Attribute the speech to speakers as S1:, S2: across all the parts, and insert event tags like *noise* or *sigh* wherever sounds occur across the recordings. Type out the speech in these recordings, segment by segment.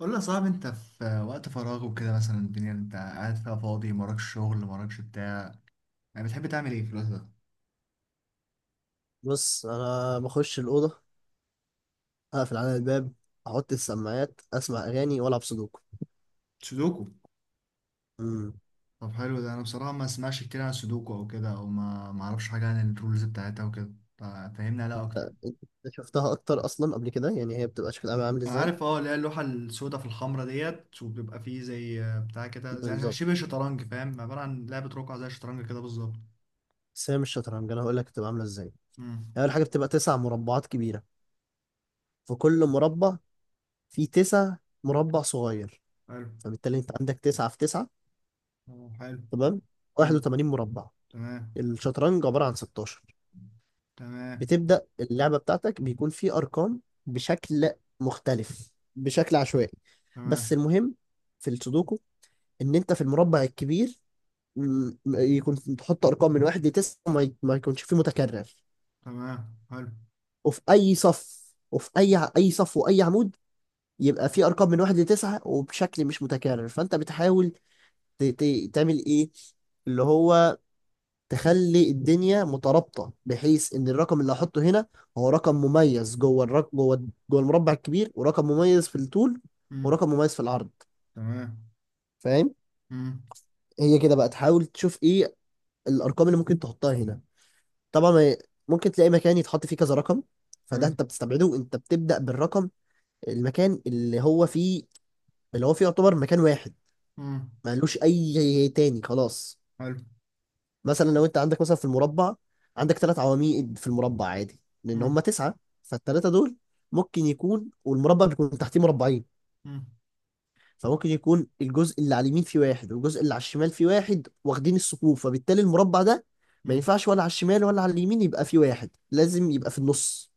S1: قول لي يا صاحبي، انت في وقت فراغ وكده مثلا، الدنيا انت قاعد فيها فاضي، مراكش شغل مراكش بتاع، يعني بتحب تعمل ايه في الوقت ده؟
S2: بص، انا بخش الاوضه، اقفل على الباب، احط السماعات، اسمع اغاني والعب سودوكو.
S1: سودوكو.
S2: امم
S1: طب حلو ده، انا بصراحة ما اسمعش كتير عن السودوكو او كده، او ما اعرفش حاجة عن الرولز بتاعتها وكده. فهمني عليها اكتر.
S2: انت شفتها اكتر اصلا قبل كده؟ يعني هي بتبقى شكلها عامل
S1: انا
S2: ازاي؟
S1: عارف، اللي هي اللوحة السوداء في الحمرة ديت، وبيبقى فيه زي بتاع كده، زي
S2: بالظبط.
S1: شبه شطرنج، فاهم؟ عبارة عن لعبة رقعة زي الشطرنج كده بالظبط.
S2: بس هي مش شطرنج، انا هقول لك بتبقى عامله ازاي.
S1: امم.
S2: هي اول حاجه بتبقى تسع مربعات كبيره، في كل مربع في تسع مربع صغير.
S1: حلو.
S2: فبالتالي انت عندك تسعة في تسعة.
S1: اه، حلو.
S2: تمام،
S1: امم.
S2: 81 مربع.
S1: تمام.
S2: الشطرنج عباره عن 16.
S1: تمام.
S2: بتبدأ اللعبة بتاعتك بيكون في أرقام بشكل مختلف، بشكل عشوائي. بس
S1: تمام.
S2: المهم في السودوكو، إن أنت في المربع الكبير يكون تحط أرقام من واحد لتسعة، وما ما يكونش فيه متكرر.
S1: تمام. حلو.
S2: وفي أي صف، وفي أي صف وأي عمود يبقى في أرقام من واحد لتسعة وبشكل مش متكرر. فأنت بتحاول تعمل إيه؟ اللي هو تخلي الدنيا مترابطه، بحيث ان الرقم اللي هحطه هنا هو رقم مميز جوه الرق... جوه جوه المربع الكبير، ورقم مميز في الطول،
S1: مم.
S2: ورقم مميز في العرض.
S1: تمام.
S2: فاهم؟
S1: امم.
S2: هي كده بقى تحاول تشوف ايه الارقام اللي ممكن تحطها هنا. طبعا، ممكن تلاقي مكان يتحط فيه كذا رقم، فده
S1: حلو.
S2: انت بتستبعده. انت بتبدا بالرقم، المكان اللي هو فيه، اللي هو فيه يعتبر مكان واحد،
S1: امم.
S2: ملوش اي تاني خلاص.
S1: حلو.
S2: مثلا لو انت عندك مثلا في المربع، عندك ثلاث عواميد في المربع عادي لان
S1: امم.
S2: هم تسعه. فالثلاثه دول ممكن يكون، والمربع بيكون تحتيه مربعين.
S1: امم.
S2: فممكن يكون الجزء اللي على اليمين فيه واحد، والجزء اللي على الشمال فيه واحد، واخدين الثقوب. فبالتالي المربع ده ما
S1: امم.
S2: ينفعش ولا على الشمال ولا على اليمين يبقى فيه واحد، لازم يبقى في النص.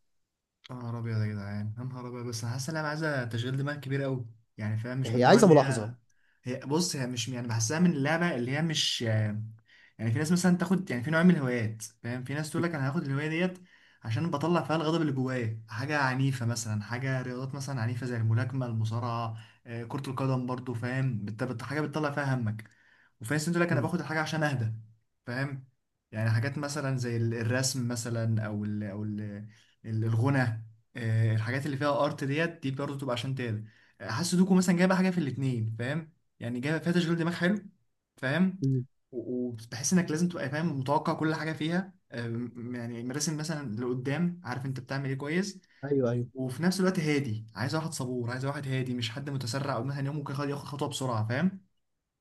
S1: يا نهار ابيض يا جدعان، يا نهار ابيض، بس انا حاسس ان انا عايزه تشغيل دماغ كبير قوي. يعني فاهم، مش من
S2: هي
S1: النوع
S2: عايزه
S1: اللي هي.
S2: ملاحظه.
S1: هي بص، هي مش، يعني بحسها من اللعبه اللي هي مش، يعني. في ناس مثلا تاخد، يعني في نوع من الهوايات، فاهم؟ في ناس تقول لك انا هاخد الهوايه ديت، عشان بطلع فيها الغضب اللي جوايا، حاجه عنيفه مثلا، حاجه رياضات مثلا عنيفه، زي الملاكمه، المصارعه. كره القدم برضو، فاهم، حاجه بتطلع فيها همك. وفي ناس تقول لك انا
S2: مم.
S1: باخد الحاجه عشان اهدى. فاهم. يعني حاجات مثلا زي الرسم مثلا، او الغنى. الحاجات اللي فيها ارت ديت دي برضو تبقى عشان تهدى. حاسس دوكو مثلا جايبه حاجه في الاتنين، فاهم؟ يعني جايه فيها تشغيل دماغ حلو. فاهم.
S2: مم.
S1: وبحس انك لازم تبقى فاهم، متوقع كل حاجه فيها، يعني مراسم مثلا لقدام، عارف انت بتعمل ايه كويس.
S2: ايوه ايوه
S1: وفي نفس الوقت هادي، عايز واحد صبور، عايز واحد هادي، مش حد متسرع، او مثلا يوم ممكن ياخد خطوه بسرعه، فاهم؟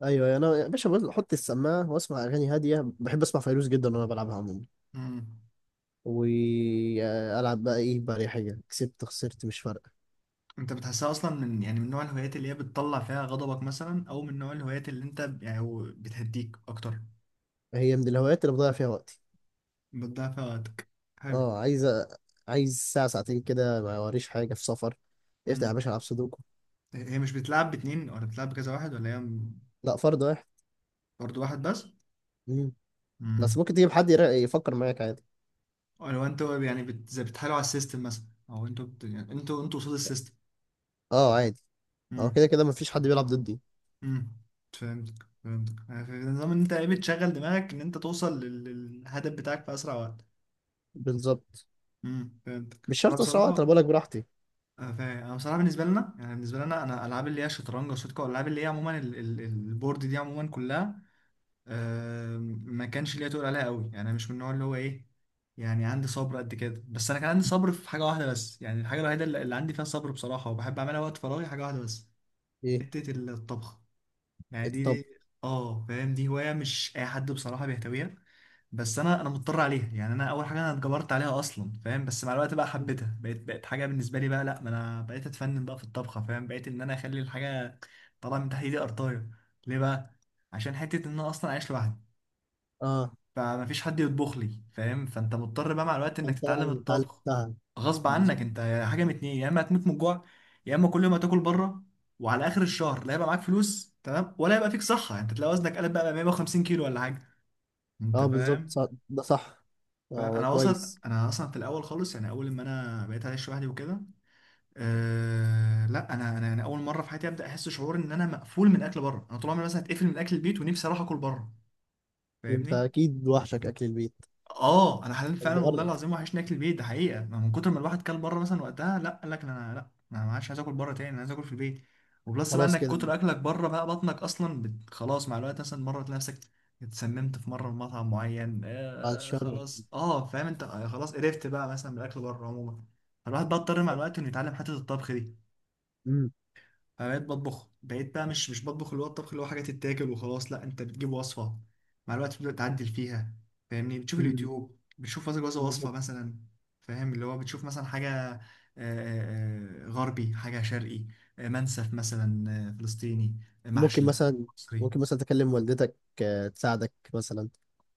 S2: ايوه، انا يا باشا احط السماعه واسمع اغاني هاديه، بحب اسمع فيروز جدا وانا بلعبها عموما.
S1: مم.
S2: والعب بقى ايه بريحيه، كسبت خسرت مش فارقه.
S1: انت بتحسها اصلا من، يعني من نوع الهوايات اللي هي بتطلع فيها غضبك مثلا، او من نوع الهوايات اللي انت يعني هو بتهديك اكتر؟
S2: هي من الهوايات اللي بضيع فيها وقتي.
S1: بتضيع فيها وقتك؟ حلو.
S2: اه، عايز ساعه ساعتين كده ما وريش حاجه في سفر. افتح يا
S1: مم.
S2: باشا العب سودوكو.
S1: هي مش بتلعب باتنين، ولا بتلعب بكذا واحد، ولا هي؟
S2: لا، فرد واحد.
S1: برضه واحد؟
S2: مم.
S1: بس.
S2: بس ممكن تجيب حد يفكر معاك عادي.
S1: لو انتوا، يعني زي بتحاولوا على السيستم مثلا، او انتوا يعني انتوا قصاد السيستم؟
S2: اه عادي. اه
S1: امم.
S2: كده كده مفيش حد بيلعب ضدي.
S1: امم، فهمتك فهمتك، يعني في نظام ان انت ايه، بتشغل دماغك ان انت توصل للهدف بتاعك في اسرع وقت.
S2: بالظبط.
S1: امم، فهمتك
S2: مش
S1: انا
S2: شرط اسرع وقت، انا
S1: بصراحه.
S2: بقولك براحتي.
S1: آه، فاهم انا بصراحه، بالنسبه لنا، يعني بالنسبه لنا، انا العاب اللي هي شطرنج وسودوكو والالعاب اللي هي عموما البورد دي عموما كلها، ما كانش ليا تقول عليها قوي، يعني انا مش من النوع اللي هو ايه. يعني عندي صبر قد كده، بس انا كان عندي صبر في حاجه واحده بس، يعني الحاجه الوحيده اللي عندي فيها صبر بصراحه وبحب اعملها وقت فراغي، حاجه واحده بس.
S2: ايه
S1: حته الطبخ. يعني دي,
S2: الطب؟
S1: دي اه، فاهم، دي هوايه مش اي حد بصراحه بيهتويها. بس انا مضطر عليها، يعني انا اول حاجه، انا اتجبرت عليها اصلا فاهم، بس مع الوقت بقى حبيتها، بقيت بقت حاجه بالنسبه لي بقى، لا ما انا بقيت اتفنن بقى في الطبخه، فاهم، بقيت ان انا اخلي الحاجه طالعه من تحت ايدي قرطايه. ليه بقى؟ عشان حته ان انا اصلا عايش لوحدي.
S2: اه
S1: فمفيش حد يطبخ لي، فاهم، فانت مضطر بقى مع الوقت انك
S2: انت
S1: تتعلم الطبخ.
S2: اتعلمتها.
S1: غصب عنك
S2: بالظبط.
S1: انت. حاجه من اتنين، يا اما هتموت من الجوع، يا اما كل يوم هتاكل بره. وعلى اخر الشهر، لا هيبقى معاك فلوس تمام، ولا هيبقى فيك صحه، يعني انت تلاقي وزنك قلب بقى 150 كيلو ولا حاجه. انت
S2: اه بالظبط،
S1: فاهم؟
S2: ده صح. اه
S1: فانا وصلت،
S2: كويس.
S1: انا اصلا في الاول خالص، يعني اول ما انا بقيت عايش لوحدي وكده. لا، انا اول مره في حياتي ابدا احس شعور ان انا مقفول من اكل بره، انا طول عمري مثلا اتقفل من اكل البيت ونفسي اروح اكل بره.
S2: انت
S1: فاهمني؟
S2: اكيد وحشك اكل البيت.
S1: اه، انا حلمت
S2: طب
S1: فعلا والله
S2: جرب.
S1: العظيم وحشني اكل البيت، ده حقيقه، ما من كتر ما الواحد كل بره مثلا، وقتها لا، قال لك انا لا. انا ما عادش عايز اكل بره تاني، انا عايز اكل في البيت. وبلس بقى
S2: خلاص
S1: انك
S2: كده
S1: كتر
S2: مش
S1: اكلك بره، بقى بطنك اصلا خلاص، مع الوقت مثلا مره تلاقي نفسك اتسممت في مره من مطعم معين،
S2: بعد
S1: آه
S2: الشر.
S1: خلاص، اه فاهم انت، آه خلاص قرفت بقى مثلا من الاكل بره عموما. فالواحد بقى اضطر مع الوقت انه يتعلم حته الطبخ دي.
S2: امم
S1: فبقيت بطبخ، بقيت بقى مش بطبخ اللي هو الطبخ اللي هو حاجه تتاكل وخلاص، لا انت بتجيب وصفه، مع الوقت بتبدا تعدل فيها. فاهمني، بتشوف
S2: امم
S1: اليوتيوب، بتشوف كذا كذا وصفه
S2: بالظبط.
S1: مثلا، فاهم اللي هو بتشوف مثلا حاجه، غربي، حاجه شرقي، منسف مثلا، فلسطيني،
S2: ممكن
S1: محشي
S2: مثلا،
S1: مصري.
S2: ممكن مثلا تكلم والدتك، تساعدك مثلا.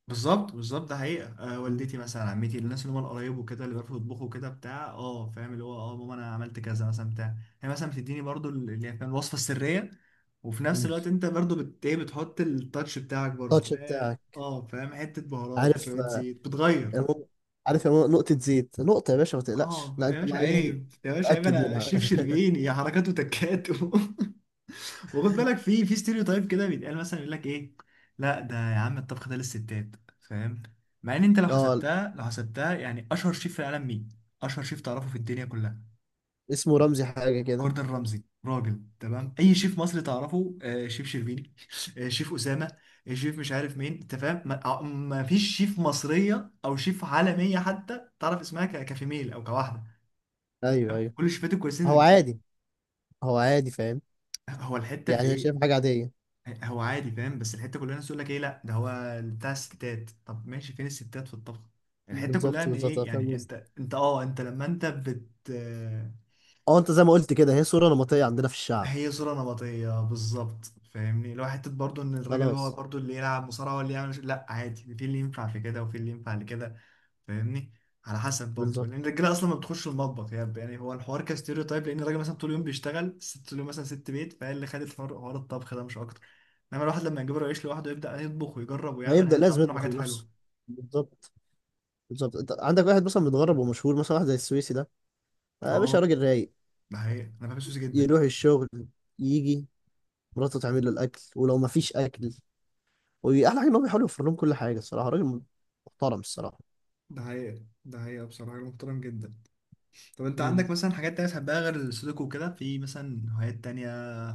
S1: بالظبط بالظبط، ده حقيقة،
S2: مم.
S1: والدتي مثلا، عمتي، الناس اللي هم القرايب وكده اللي بيعرفوا يطبخوا كده بتاع، فاهم اللي هو، ماما انا عملت كذا مثلا بتاع. هي مثلا بتديني برضو اللي هي، فاهم، الوصفة السرية. وفي نفس
S2: مم.
S1: الوقت انت برضو بت ايه، بتحط التاتش بتاعك برضو،
S2: التاتش بتاعك
S1: فاهم حتة بهارات،
S2: عارف.
S1: شوية زيت، بتغير.
S2: يا ماما- عارف يا ماما، نقطة زيت نقطة يا باشا ما تقلقش،
S1: اه
S2: لا
S1: يا
S2: انت
S1: باشا
S2: بقى ايه،
S1: عيب، يا باشا عيب،
S2: تأكد
S1: انا
S2: منها.
S1: الشيف
S2: *laughs*
S1: شربيني، يا حركات وتكات *laughs* وخد بالك في ستيريو تايب كده بيتقال مثلا، يقول لك ايه، لا ده يا عم، الطبخ ده للستات، فاهم؟ مع ان انت لو
S2: اه،
S1: حسبتها لو حسبتها، يعني اشهر شيف في العالم مين؟ اشهر شيف تعرفه في الدنيا كلها؟
S2: اسمه رمزي حاجة كده.
S1: جوردن رمزي، راجل تمام. اي شيف مصري تعرفه؟ شيف شربيني *laughs* شيف اسامه، شيف مش عارف مين، انت فاهم، ما فيش شيف مصريه او شيف عالميه حتى تعرف اسمها، كفيميل او كواحده.
S2: ايوه ايوه.
S1: كل الشيفات الكويسين
S2: هو
S1: رجاله.
S2: عادي. هو عادي فاهم.
S1: هو الحته في
S2: يعني انا
S1: ايه؟
S2: شايف حاجة عادية.
S1: هو عادي فاهم، بس الحته كلها الناس تقول لك ايه، لا ده هو بتاع الستات، طب ماشي، فين الستات في الطبخ؟ الحته كلها
S2: بالظبط
S1: ان
S2: بالظبط،
S1: ايه،
S2: أنا فاهم
S1: يعني
S2: قصدك.
S1: انت، انت لما انت بت
S2: اه انت زي ما قلت كده، هي صورة نمطية عندنا في الشعب.
S1: هي صوره نمطيه بالظبط. فاهمني، لو حته برضو، ان الراجل هو
S2: خلاص.
S1: برضو اللي يلعب مصارعه، هو اللي يعمل، لا عادي، في اللي ينفع في كده، وفي اللي ينفع لكده. فاهمني. على حسب برضه،
S2: بالظبط.
S1: لان الرجاله اصلا ما بتخش المطبخ، يعني هو الحوار كستيريوتايب، لان الراجل مثلا طول اليوم بيشتغل، الست طول اليوم مثلا ست بيت، فهي اللي خدت حوار حوار الطبخ ده مش اكتر. انما الواحد لما يجبره يعيش لوحده، يبدا يطبخ ويجرب ويعمل،
S2: هيبدأ
S1: هيطلع
S2: لازم
S1: منه
S2: يطبخ
S1: حاجات
S2: لنفسه.
S1: حلوه.
S2: بالظبط. بالظبط انت عندك واحد مثلا متغرب ومشهور، مثلا واحد زي السويسي ده. آه، يا باشا
S1: اه،
S2: راجل رايق.
S1: ده حقيقة انا بحب السوسي جدا.
S2: يروح الشغل، يجي، مراته تعمل له الاكل، ولو ما فيش اكل. واحلى حاجه ان هو بيحاول يوفر لهم كل حاجه. الصراحه راجل محترم الصراحه.
S1: ده حقيقة، ده حقيقة، بصراحة راجل محترم جدا. طب انت
S2: مم.
S1: عندك مثلا حاجات تانية بتحبها غير السودوكو وكده؟ في مثلا هوايات تانية؟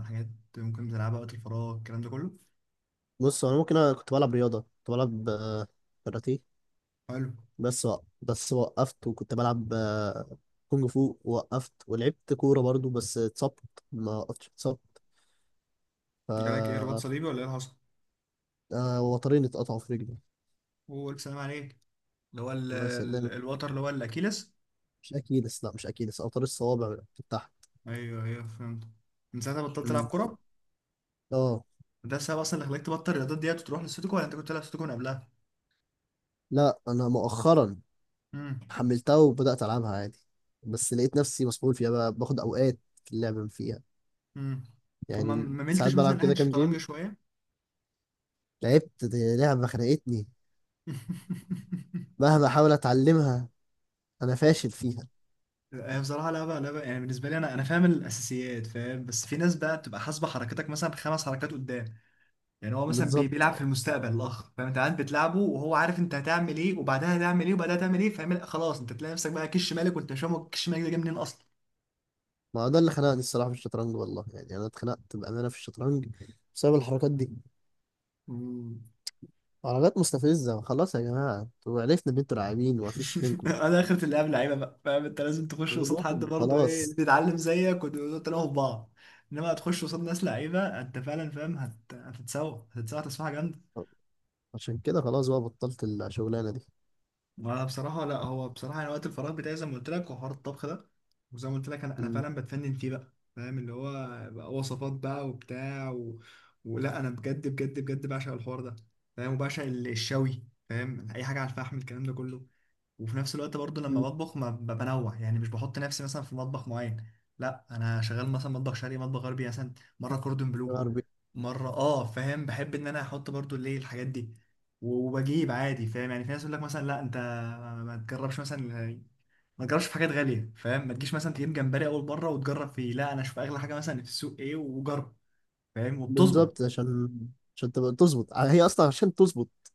S1: حاجات ممكن تلعبها وقت الفراغ، الكلام ده كله؟
S2: بص، انا ممكن انا كنت بلعب رياضه، كنت بلعب كاراتيه.
S1: حلو.
S2: بس بس وقفت، وكنت بلعب كونج فو، وقفت. ولعبت كوره برضو، بس اتصبت. ما وقفتش، اتصبت.
S1: جالك ايه، رباط
S2: ف
S1: صليبي ولا ايه اللي حصل؟
S2: وترين اتقطعوا في رجلي.
S1: هو الف سلام عليك. اللي هو
S2: الله يسلمك.
S1: الوتر اللي هو الاكيلس؟
S2: مش اكيلس، لا مش اكيلس، اوتار الصوابع بتاعها.
S1: ايوه ايوه، فهمت. من ساعتها بطلت العب
S2: مم.
S1: كوره.
S2: اه.
S1: ده السبب اصلا اللي خلاك تبطل الرياضات ديت وتروح للسودوكو، ولا انت كنت تلعب سودوكو من قبلها؟
S2: لا انا مؤخرا
S1: امم.
S2: حملتها وبدات العبها عادي. بس لقيت نفسي مسحول فيها، بقى باخد اوقات في اللعب فيها.
S1: امم. طب ما
S2: يعني
S1: ما
S2: ساعات
S1: ملتش مثلا
S2: بلعب
S1: ناحيه
S2: كده كام
S1: الشطرنج
S2: جيم.
S1: شويه؟
S2: لعبت دي لعبه خنقتني،
S1: *laughs*
S2: مهما احاول اتعلمها انا فاشل فيها.
S1: هي بصراحه لعبه لعبه، يعني بالنسبه لي، انا فاهم الاساسيات، فاهم، بس في ناس بقى بتبقى حاسبه حركتك مثلا خمس حركات قدام، يعني هو مثلا
S2: بالظبط.
S1: بيلعب في المستقبل الاخ، فاهم، انت قاعد بتلعبه وهو عارف انت هتعمل ايه، وبعدها هتعمل ايه، وبعدها هتعمل ايه، فاهم، خلاص انت تلاقي نفسك بقى كش مالك، وانت مش فاهم هو كش مالك ده جه منين اصلا.
S2: ما هو ده اللي خنقني الصراحه في الشطرنج والله، يعني انا اتخنقت بامانه في الشطرنج بسبب الحركات دي.
S1: مم.
S2: حركات مستفزه. خلاص يا جماعه، انتوا عرفنا ان انتوا لاعبين ومفيش
S1: *laughs*
S2: منكم.
S1: انا اخرة اللعب لعيبه بقى، فاهم، انت لازم تخش قصاد حد برضه ايه،
S2: خلاص،
S1: تتعلم زيك، وتلاقوا في بعض. انما هتخش قصاد ناس لعيبه انت فعلا، فاهم، هتتسوى تسويحه جامده.
S2: عشان كده خلاص بقى بطلت الشغلانه دي.
S1: وانا بصراحه، لا هو بصراحه، يعني وقت الفراغ بتاعي زي ما قلت لك هو حوار الطبخ ده. وزي ما قلت لك انا فعلا بتفنن فيه بقى، فاهم اللي هو بقى وصفات بقى وبتاع ولا انا بجد بجد بجد بعشق الحوار ده، فاهم، وبعشق الشوي، فاهم، اي حاجه على الفحم، الكلام ده كله. وفي نفس الوقت برضو لما
S2: مم.
S1: بطبخ، ما بنوع، يعني مش بحط نفسي مثلا في مطبخ معين. لا، انا شغال مثلا مطبخ شرقي، مطبخ غربي مثلا، مره كوردون بلو،
S2: غربي.
S1: مره، فاهم بحب ان انا احط برضو اللي هي الحاجات دي، وبجيب عادي، فاهم، يعني في ناس يقول لك مثلا، لا انت ما تجربش مثلا، ما تجربش في حاجات غاليه، فاهم، ما تجيش مثلا تجيب جمبري اول مره وتجرب فيه، لا انا اشوف اغلى حاجه مثلا في السوق ايه وجرب، فاهم، وبتظبط.
S2: بالظبط. عشان، عشان تبقى تظبط، هي اصلا عشان تظبط.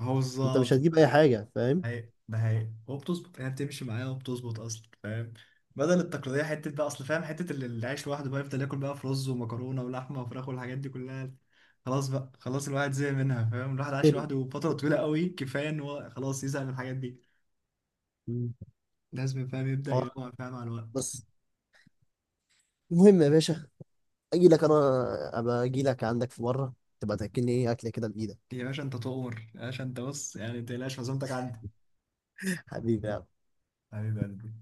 S1: هو
S2: انت مش
S1: بالظبط.
S2: هتجيب اي حاجه فاهم.
S1: هي ده هي، وبتظبط، يعني بتمشي معايا وبتظبط اصلا، فاهم. بدل التقليديه حته بقى، اصل فاهم، حته اللي عايش لوحده بقى يفضل ياكل بقى في رز ومكرونه ولحمه وفراخ والحاجات دي كلها. خلاص بقى، خلاص الواحد زهق منها، فاهم، الواحد عايش
S2: تاني.
S1: لوحده فتره طويله قوي، كفايه ان هو خلاص يزهق من الحاجات دي.
S2: مم.
S1: لازم فاهم يبدا
S2: اه.
S1: ينوع، فاهم، مع الوقت.
S2: بس المهم يا باشا، اجي لك انا، ابقى اجي لك عندك في مره، تبقى تاكلني ايه اكله كده بايدك.
S1: يا باشا انت تؤمر، يا باشا انت بص، يعني ما تقلقش، عزومتك عندي.
S2: *laughs* حبيبي.
S1: حبيب قلبي.